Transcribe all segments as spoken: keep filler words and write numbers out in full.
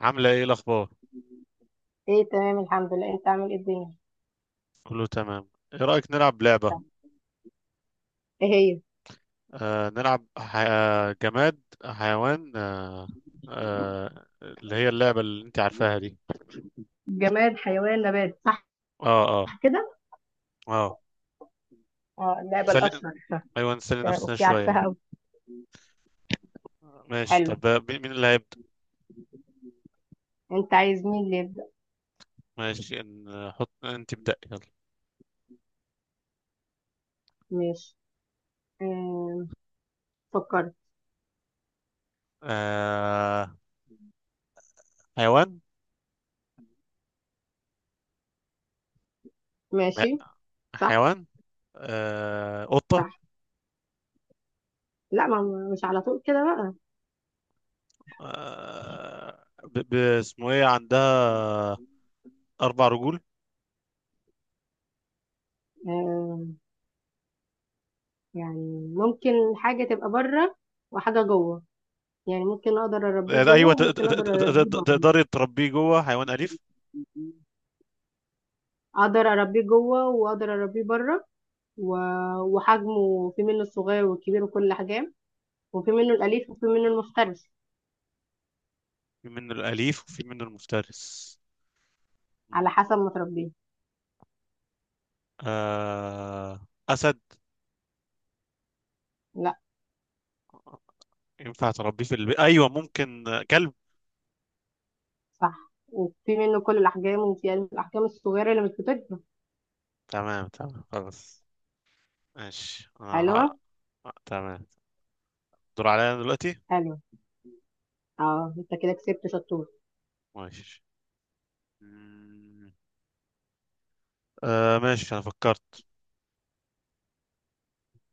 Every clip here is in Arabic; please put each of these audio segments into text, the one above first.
عاملة ايه الأخبار؟ ايه تمام، الحمد لله. انت عامل ايه الدنيا؟ كله تمام. ايه رأيك نلعب لعبة؟ طب، ايه هي؟ آه نلعب ح... آه، جماد حيوان آه آه اللي هي اللعبة اللي انت عارفاها دي. جماد حيوان نبات، صح اه اه كده. اه اه، اللعبة سل... الأشهر. ايوه نسلي تمام، نفسنا اوكي شوية. عارفاها اوي. ماشي. حلو. طب آه، مين مين اللي هيبدأ؟ انت عايز مين اللي يبدأ؟ ماشي، نحط انت ابدأ، يلا. ماشي. آم، فكرت. آه. حيوان؟ لا، ماشي. صح. حيوان. آه، قطة. صح. لا ما ما- مش على طول كده بقى. آه ب... ب... اسمه ايه عندها أربع رجول. آم، يعني ممكن حاجة تبقى بره وحاجة جوه. يعني ممكن اقدر اربيه جوه ايوه ت- وممكن ت- اقدر ت- اربيه ت- بره. تقدري تربيه جوه، حيوان اليف. اقدر اربيه جوه واقدر اربيه بره و... وحجمه في منه الصغير والكبير وكل حاجة. وفي منه الأليف وفي منه المفترس، في منه الاليف وفي منه المفترس. على حسب ما تربيه. آه... اسد. لا. ينفع تربيه في البيت؟ ايوه ممكن، آه، كلب. صح، وفي منه كل الأحجام وفي الأحجام الصغيرة اللي مش بتكبر. تمام تمام، خلاص. ماشي، انا ه... حلوة. تمام. دور عليا أنا دلوقتي. حلوة. اه، انت كده كسبت شطور. ماشي. مم. آه ماشي، انا فكرت.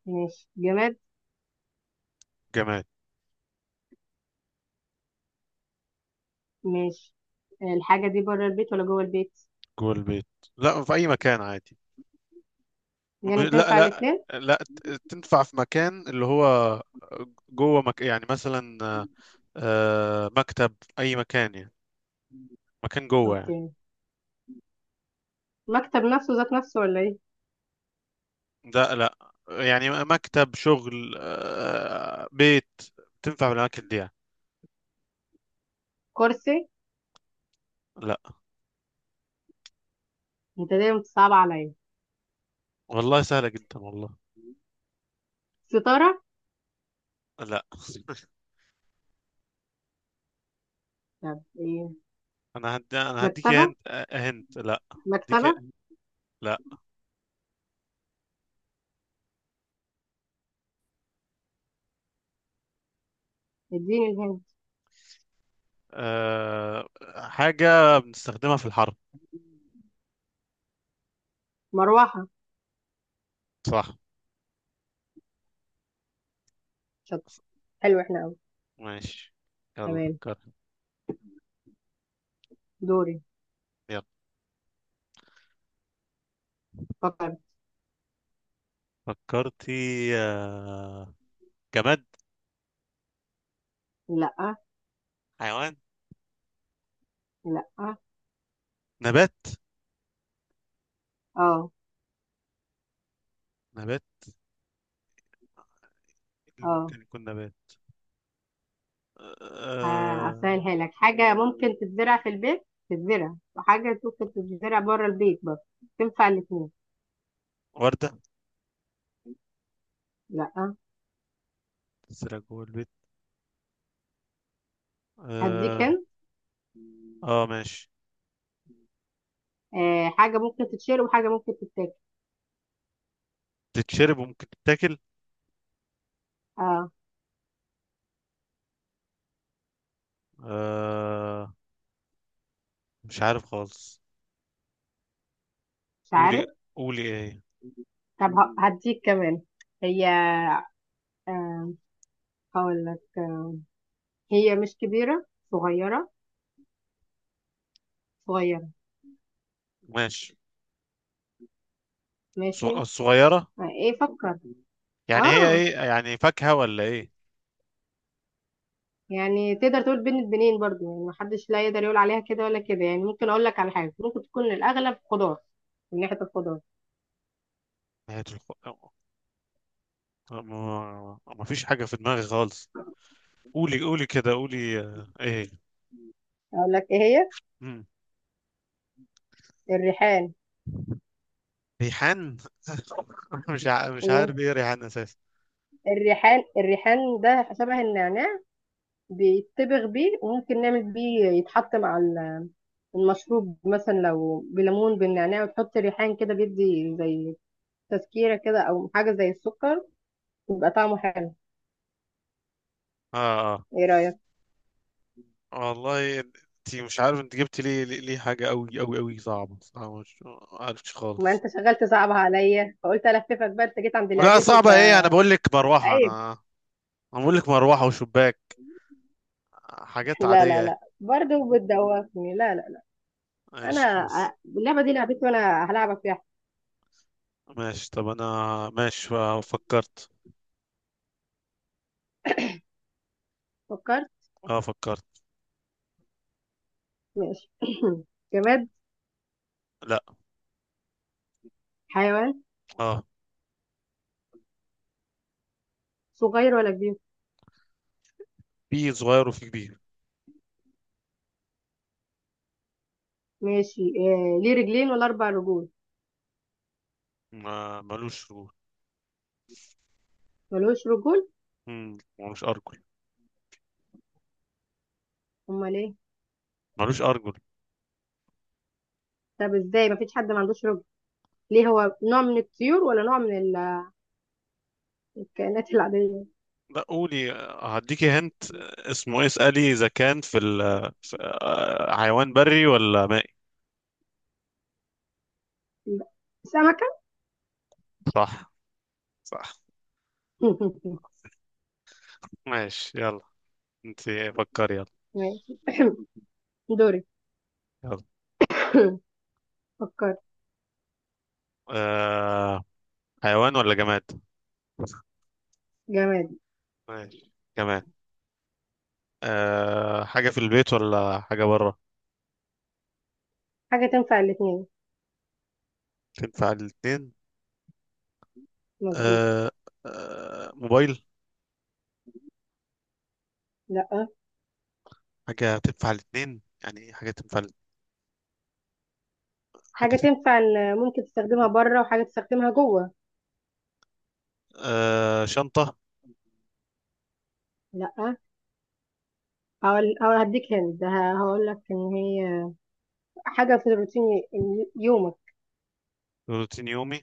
ماشي. جماد. جماد. ماشي. الحاجة دي بره البيت ولا جوه البيت؟ جوه البيت؟ لا، في اي مكان عادي. ب- يعني لا تنفع لا الاتنين. لا ت- تنفع في مكان اللي هو جوه مك... يعني مثلا آه، مكتب، اي مكان يعني، مكان جوه يعني. اوكي، مكتب نفسه ذات نفسه ولا ايه؟ ده لا. يعني مكتب شغل، آه، بيت، تنفع بالاماكن دي يعني. كرسي. لا. انت دايما بتصعب عليا. والله سهله جدا والله. ستارة. لا طب ايه؟ انا هدي انا هديك، مكتبة. هنت آه، هنت. لا. هديك. مكتبة. لا. اديني الهند. أه... حاجه بنستخدمها في الحرب. مروحة. صح. شط، حلو احنا قوي. ماشي، يلا تمام، فكر. دوري. يلا. فكر. فكرتي؟ أه... جماد. لا. حيوان. لا. اه. نبات. اه. نبات. إيه اللي ممكن يكون نبات؟ آه، أه... هسهلها لك. حاجة ممكن تتزرع في البيت تتزرع وحاجة ممكن تتزرع بره البيت برضه، تنفع الاتنين. وردة. لا. تتسرق جوه البيت. هديك اه. هنا، آه ماشي. آه، حاجة ممكن تتشرب وحاجة ممكن تتاكل. تتشرب وممكن تتاكل. اه. آه مش عارف خالص. مش قولي، عارف. قولي ايه. طب ه- هديك كمان. هي، آه، هقول لك. آه، هي مش كبيرة، صغيرة. صغيرة. ماشي. ص- ماشي. الصغيرة. آه، ايه فكر. يعني هي اه، ايه يعني، فاكهة ولا ايه؟ يعني تقدر تقول بين البنين برضو، يعني محدش لا يقدر يقول عليها كده ولا كده. يعني ممكن اقول لك على حاجه ممكن تكون الاغلب خضار، من ناحيه الخضار. نهاية الخ... ما... ما فيش حاجة في دماغي خالص. قولي، قولي كده، قولي آه ايه. اقول لك ايه هي. مم. الريحان. ريحان. مش ع... مش مم. عارف ايه ريحان اساسا. الريحان، الريحان ده شبه النعناع، بيتبغ بيه وممكن نعمل بيه، يتحط مع ال- المشروب. مثلا لو بليمون بالنعناع وتحط ريحان كده بيدي زي تذكيرة كده، او حاجة زي السكر، يبقى طعمه حلو. اه. ايه رأيك؟ اه والله انت، مش عارف انت جبت ليه ليه ليه حاجة قوي قوي قوي، صعبة صعبة مش عارفش ما خالص. انت شغال تصعبها عليا فقلت الففك بقى. انت جيت عند لا، لعبتي ف صعبة ايه، انا بقول لك مروحة، أيوة. انا انا بقول لك مروحة وشباك، حاجات عادية لا لا يعني. لا، برضه بتدوخني، لا لا لا. انا ماشي خلاص. ع- اللعبه دي لعبتي وانا هلعبك فيها. ماشي طب انا، ماشي آه، فكرت. فكرت. اه فكرت. ماشي. جماد. لا. حيوان. اه. صغير ولا كبير؟ في صغير وفي كبير. ماشي. آه، ليه رجلين ولا اربع رجول؟ ما ملوش رجول. ملوش رجول؟ مم، ملوش ارجل. امال ايه؟ ملوش ارجل. طب ازاي؟ مفيش حد ما عندوش رجل. ليه، هو نوع من الطيور ولا نوع من ال- الكائنات العاديه؟ لا، قولي آه، هديكي هنت آه، اسمه ايه، اسألي اذا كان في, ال... في آه، حيوان بري ولا مائي. لا. سمكه. صح. صح. ماشي يلا. انت فكري، يلا. ماشي. دوري. يلا. فكرت. آه... حيوان ولا جماد. جماد. ماشي جماد. أه، حاجة في البيت ولا حاجة برا. حاجه تنفع الاثنين. تنفع الاتنين. مظبوط. أه. أه موبايل. لا. حاجة تنفع الاتنين، يعني إيه حاجة تنفع ال- حاجة حاجة تنفع. تنفع ال- ممكن تستخدمها بره وحاجة تستخدمها جوه. أه شنطة. لا. هقول هقول- هديك هند، هقول لك ان هي حاجة في روتين ي- يومك. روتين يومي.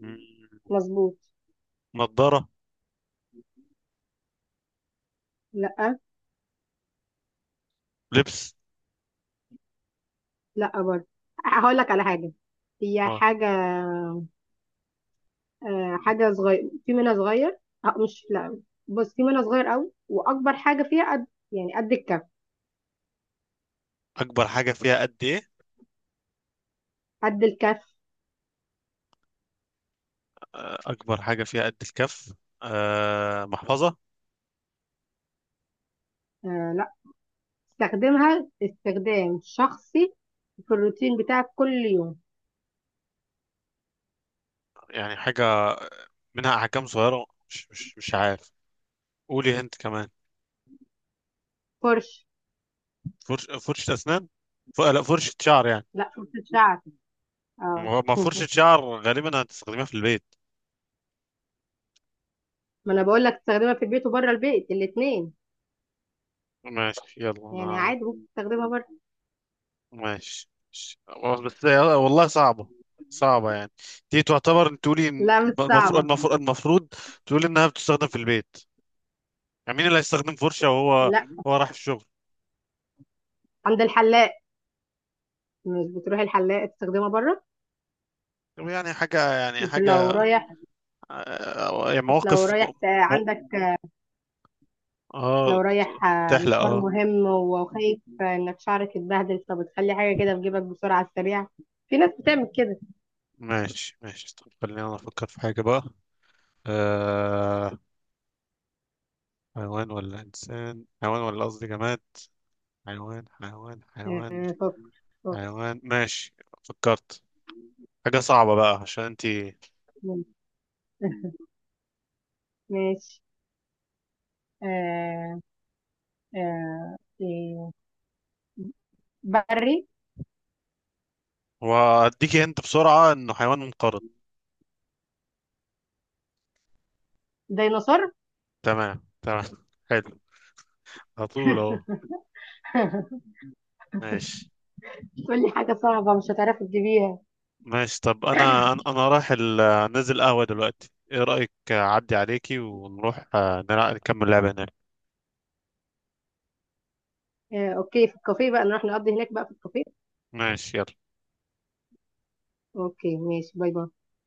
مم. مظبوط. نضارة. لا. لبس. لا برضه. هقول لك على حاجة، هي اه، حاجة، آه، حاجة صغير، في منها صغير. آه، مش لا، بص، في منها صغير قوي وأكبر حاجة فيها قد، يعني قد الكف. أكبر حاجة فيها قد إيه؟ قد الكف. أه أكبر حاجة فيها قد الكف. أه محفظة. آه لا، استخدمها استخدام شخصي في الروتين بتاعك كل يوم. يعني حاجة منها أحكام صغيرة، مش مش مش عارف، قولي أنت كمان. فرش. فرش. فرشة أسنان. ف... لا، فرشة شعر يعني. لا، فرشة شعر. اه. هو- ما فرشة شعر غالبا هتستخدمها في البيت. ما انا بقول لك تستخدمها في البيت وبره البيت، الاثنين. ماشي يلا يعني انا. عادي ممكن تستخدمها بره. ماشي. والله- بس يلا، والله صعبة، صعبة يعني. دي تعتبر تقولي إن لا مش المفروض، صعبة. المفروض المفروض تقولي انها بتستخدم في البيت، يعني مين اللي هيستخدم فرشة وهو، لا، هو راح الشغل. عند الحلاق. مش بتروح الحلاق تستخدمها بره؟ طب يعني حاجة، يعني مش لو حاجة رايح. آه، يعني مش لو مواقف م... رايح ت- م... عندك. اه لو رايح آه، تحلق مشوار اه. مهم وخايف انك شعرك يتبهدل، فبتخلي حاجة كده في جيبك بسرعة على السريع. في ناس بتعمل كده. ماشي ماشي. طب خلينا انا افكر في حاجة بقى. آه... حيوان ولا انسان، حيوان ولا قصدي جماد، حيوان حيوان حيوان. آه، فك. فك. حيوان ماشي. فكرت حاجة صعبة بقى عشان انتي، ماشي. آه. آه. إيه، بري. واديكي انت بسرعة انه حيوان منقرض. ديناصور. تمام تمام حلو، على طول اهو. ماشي. تقول لي حاجة صعبة مش هتعرفي تجيبيها. ماشي طب انا انا أنا رايح ال- نازل قهوة دلوقتي، ايه رأيك اعدي عليكي ونروح آه، نلع- نكمل لعبة هناك. آه، اوكي، في الكافيه بقى، نروح نقضي هناك بقى في الكافيه. ماشي يلا. اوكي ماشي، باي باي.